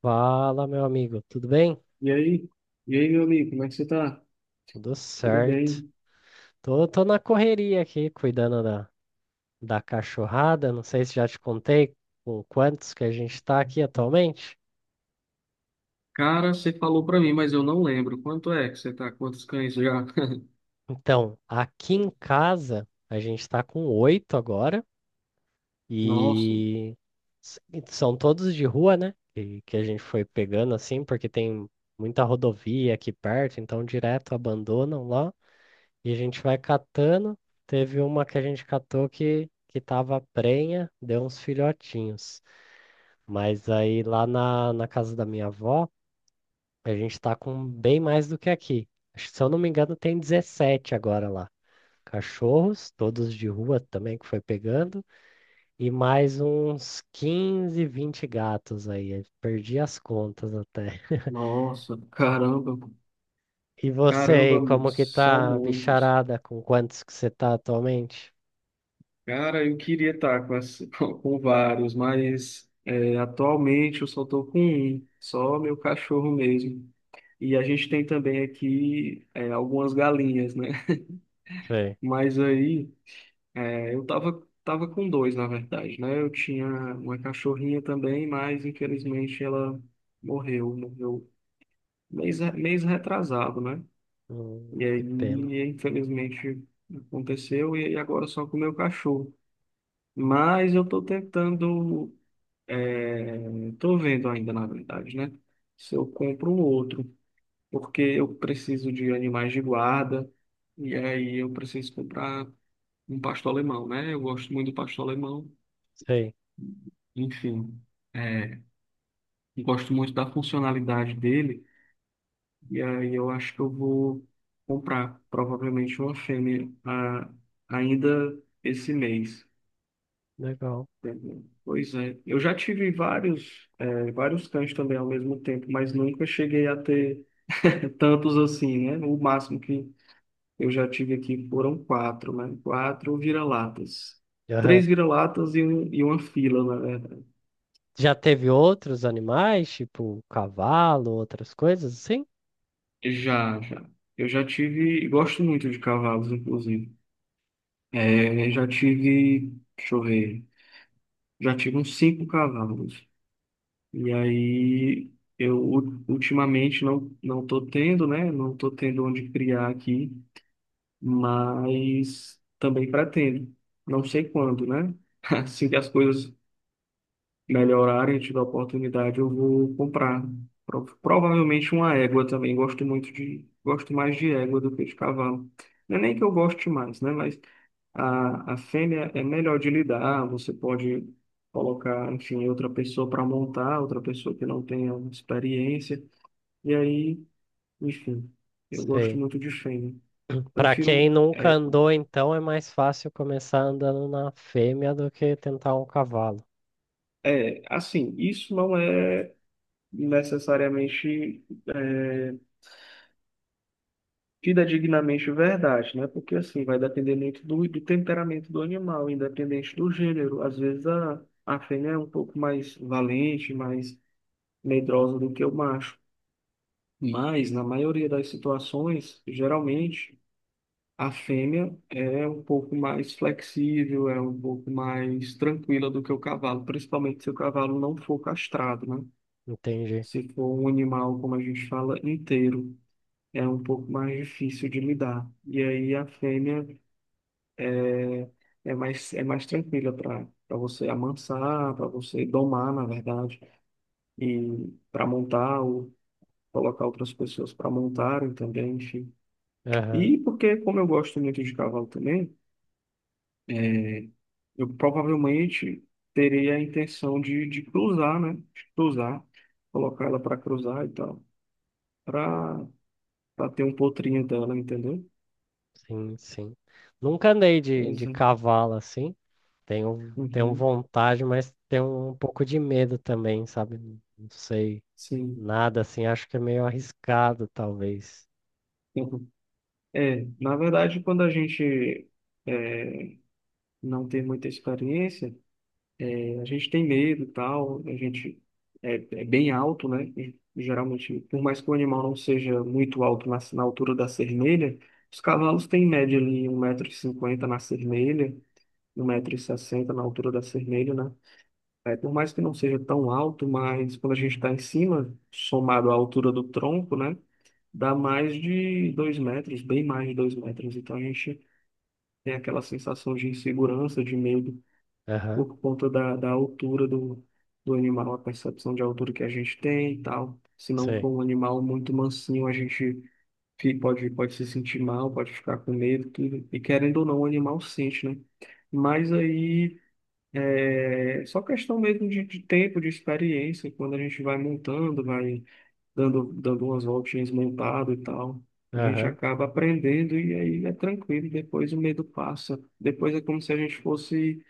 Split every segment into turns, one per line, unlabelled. Fala, meu amigo, tudo bem?
E aí? E aí, meu amigo, como é que você tá?
Tudo
Tudo
certo.
bem?
Tô na correria aqui, cuidando da cachorrada. Não sei se já te contei com quantos que a gente tá aqui atualmente.
Cara, você falou pra mim, mas eu não lembro. Quanto é que você tá? Quantos cães já?
Então, aqui em casa, a gente tá com oito agora
Nossa,
e e são todos de rua, né? Que a gente foi pegando assim, porque tem muita rodovia aqui perto, então direto abandonam lá. E a gente vai catando. Teve uma que a gente catou que tava prenha, deu uns filhotinhos. Mas aí lá na casa da minha avó, a gente tá com bem mais do que aqui. Acho que, se eu não me engano, tem 17 agora lá. Cachorros, todos de rua também que foi pegando, e mais uns 15 20 gatos aí. Eu perdi as contas até.
Nossa, caramba.
E você
Caramba,
aí, como que
são
tá, a
muitos.
bicharada? Com quantos que você tá atualmente?
Cara, eu queria estar com com vários, mas é, atualmente eu só tô com um, só meu cachorro mesmo. E a gente tem também aqui algumas galinhas, né?
Sei.
Mas aí. É, eu tava com dois, na verdade, né? Eu tinha uma cachorrinha também, mas infelizmente ela morreu mês retrasado, né? E
Que pena.
aí, infelizmente, aconteceu, e aí agora só com o meu cachorro. Mas eu tô tentando, é, tô vendo ainda, na verdade, né? Se eu compro um outro, porque eu preciso de animais de guarda, e aí eu preciso comprar um pastor alemão, né? Eu gosto muito do pastor alemão.
Sei,
Enfim, é, gosto muito da funcionalidade dele, e aí eu acho que eu vou comprar provavelmente uma fêmea ainda esse mês.
legal.
Entendeu? Pois é, eu já tive vários, é, vários cães também ao mesmo tempo, mas nunca cheguei a ter tantos assim, né? O máximo que eu já tive aqui foram quatro, né? Quatro vira-latas.
Aham.
Três vira-latas e um, e uma fila, né?
Já teve outros animais, tipo cavalo, outras coisas assim?
Já, já. Eu já tive, gosto muito de cavalos, inclusive. É, já tive, deixa eu ver, já tive uns cinco cavalos. E aí, eu ultimamente não tô tendo, né? Não tô tendo onde criar aqui, mas também pretendo. Não sei quando, né? Assim que as coisas melhorarem, tiver oportunidade, eu vou comprar. Provavelmente uma égua também. Gosto muito de, gosto mais de égua do que de cavalo. Não é nem que eu goste mais, né? Mas a fêmea é melhor de lidar. Você pode colocar, enfim, outra pessoa para montar, outra pessoa que não tenha experiência. E aí, enfim, eu gosto
Sei.
muito de fêmea.
Pra quem
Prefiro
nunca
égua.
andou, então é mais fácil começar andando na fêmea do que tentar um cavalo.
É, assim, isso não é necessariamente é, tida dignamente verdade, né? Porque assim vai depender muito do temperamento do animal, independente do gênero. Às vezes a fêmea é um pouco mais valente, mais medrosa do que o macho. Mas na maioria das situações, geralmente a fêmea é um pouco mais flexível, é um pouco mais tranquila do que o cavalo, principalmente se o cavalo não for castrado, né?
Entendi.
Se for um animal, como a gente fala, inteiro, é um pouco mais difícil de lidar. E aí a fêmea é mais tranquila para você amansar, para você domar, na verdade, e para montar ou colocar outras pessoas para montarem também, enfim.
Aham.
E porque, como eu gosto muito de cavalo também, é, eu provavelmente terei a intenção de cruzar, né? De cruzar, colocar ela para cruzar e tal, para para ter um potrinho dela, entendeu?
Sim, sim. Nunca andei de,
Pois
de
é.
cavalo assim. Tenho
Uhum.
vontade, mas tenho um pouco de medo também, sabe? Não sei
Sim.
nada assim. Acho que é meio arriscado, talvez.
Uhum. É, na verdade, quando a gente é, não ter muita experiência, a gente tem medo e tal, a gente é, é bem alto, né? E, geralmente, por mais que o animal não seja muito alto na altura da cerneira, os cavalos têm em média ali 1,50 m na cerneira, 1,60 m na altura da cerneira, né? É, por mais que não seja tão alto, mas quando a gente está em cima, somado à altura do tronco, né? Dá mais de 2 metros, bem mais de 2 metros. Então a gente tem aquela sensação de insegurança, de medo,
Aham,
por conta da altura do animal, a percepção de altura que a gente tem e tal. Se não
sei.
for um animal muito mansinho, a gente pode se sentir mal, pode ficar com medo, tudo. E querendo ou não, o animal sente, né? Mas aí é só questão mesmo de tempo, de experiência, quando a gente vai montando, vai dando umas voltinhas montado e tal. A gente
Aham.
acaba aprendendo e aí é tranquilo, depois o medo passa. Depois é como se a gente fosse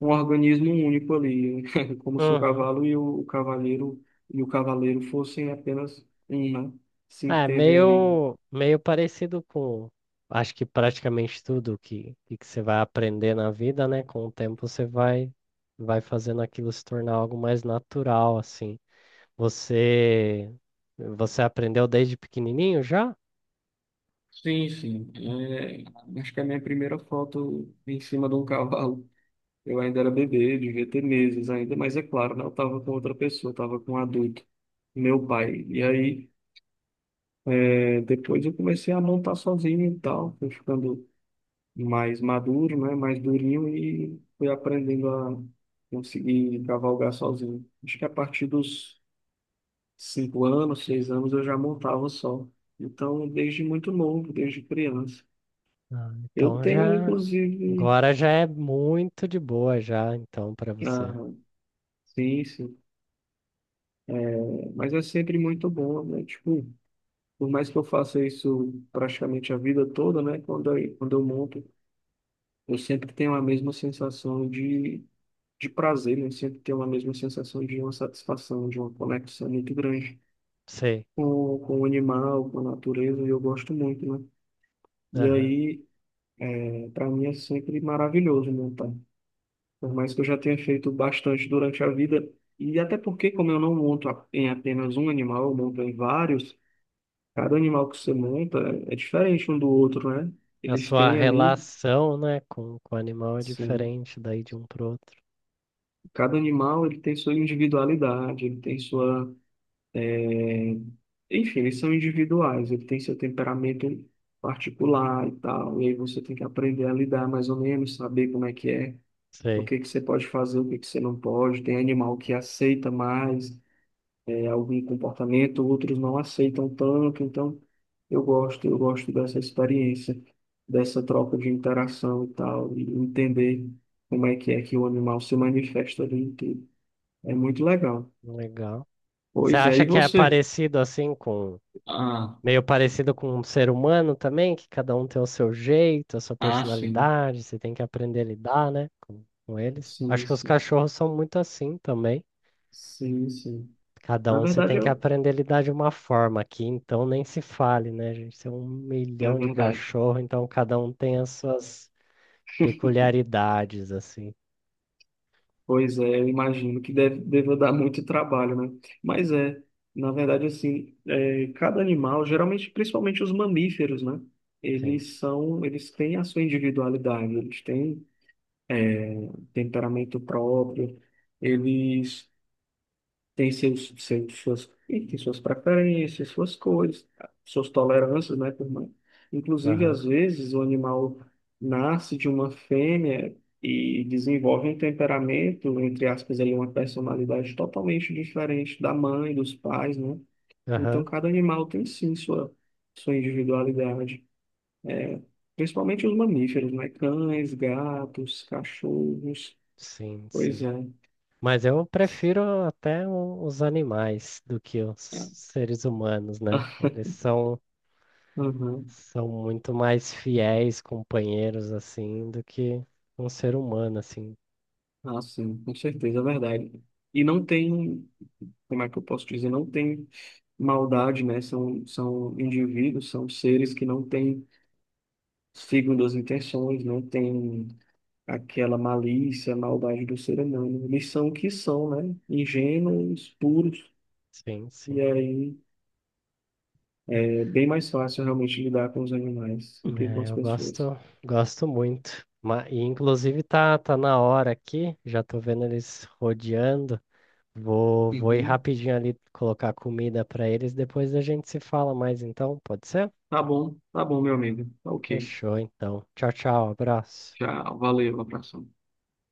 um organismo único ali, como se o
Uhum.
cavalo e o cavaleiro fossem apenas um, né, se
É
entendem ali.
meio parecido com, acho que praticamente tudo que que você vai aprender na vida, né? Com o tempo você vai fazendo aquilo se tornar algo mais natural, assim. Você, você aprendeu desde pequenininho já?
Sim, sim. É, acho que a minha primeira foto em cima de um cavalo. Eu ainda era bebê, devia ter meses ainda, mas é claro, né? Eu estava com outra pessoa, estava com um adulto, meu pai. E aí, é, depois eu comecei a montar sozinho e tal, fui ficando mais maduro, né? Mais durinho e fui aprendendo a conseguir cavalgar sozinho. Acho que a partir dos 5 anos, 6 anos eu já montava só. Então, desde muito novo, desde criança.
Ah,
Eu
então
tenho,
já,
inclusive,
agora já é muito de boa já, então para você.
ah, sim, sim, é, mas é sempre muito bom, né? Tipo, por mais que eu faça isso praticamente a vida toda, né? Quando eu monto, eu sempre tenho a mesma sensação de prazer, né? Sempre ter uma mesma sensação de uma satisfação, de uma conexão muito grande
Sei.
com o animal, com a natureza, e eu gosto muito, né? E
Aham.
aí, para mim, é sempre maravilhoso montar. Por mais que eu já tenha feito bastante durante a vida, e até porque, como eu não monto em apenas um animal, eu monto em vários, cada animal que você monta é diferente um do outro, né?
A
Eles
sua
têm ali,
relação, né, com o animal é
sim,
diferente daí de um pro outro.
cada animal ele tem sua individualidade, ele tem sua Enfim, eles são individuais, ele tem seu temperamento particular e tal, e aí você tem que aprender a lidar mais ou menos, saber como é que é, o
Sei.
que que você pode fazer, o que que você não pode. Tem animal que aceita mais algum comportamento, outros não aceitam tanto, então eu gosto dessa experiência, dessa troca de interação e tal, e entender como é que o animal se manifesta ali, e tudo. É muito legal.
Legal. Você
Pois é,
acha
e
que é
você?
parecido assim com,
Ah,
meio parecido com um ser humano também, que cada um tem o seu jeito, a sua
ah, sim.
personalidade, você tem que aprender a lidar, né, com eles?
Sim,
Acho que os
sim.
cachorros são muito assim também.
Sim, sim.
Cada um
Na
você
verdade,
tem que
eu.
aprender a lidar de uma forma aqui, então nem se fale, né, a gente? Tem um
É
milhão de
verdade.
cachorro, então cada um tem as suas peculiaridades, assim.
Pois é, eu imagino que deve, deva dar muito trabalho, né? Mas é, na verdade, assim, é, cada animal, geralmente, principalmente os mamíferos, né?
Sim.
Eles são, eles têm a sua individualidade, eles têm é, temperamento próprio, eles tem seus suas, e tem suas preferências, suas cores, suas tolerâncias, né, por mais. Inclusive,
Aham,
às vezes, o animal nasce de uma fêmea e desenvolve um temperamento, entre aspas, ali, uma personalidade totalmente diferente da mãe, dos pais, né? Então,
aham.
cada animal tem sim sua individualidade. É, principalmente os mamíferos, né? Cães, gatos, cachorros.
Sim,
Pois
sim.
é.
Mas eu prefiro até os animais do que os seres humanos, né? Eles são,
Aham.
são muito mais fiéis companheiros, assim, do que um ser humano, assim.
Ah, sim, com certeza, é verdade. E não tem, como é que eu posso dizer, não tem maldade, né? São indivíduos, são seres que não têm segundas intenções, não têm aquela malícia, maldade do ser humano. Eles são o que são, né? Ingênuos, puros.
Sim,
E
sim.
aí é bem mais fácil realmente lidar com os animais do que com
É,
as
eu
pessoas.
gosto muito. E, inclusive, tá na hora aqui, já tô vendo eles rodeando. Vou ir
Uhum.
rapidinho ali colocar comida para eles, depois a gente se fala mais, então, pode ser?
Tá bom, meu amigo. Tá, ok.
Fechou, então. Tchau, tchau, abraço.
Tchau, valeu, abração.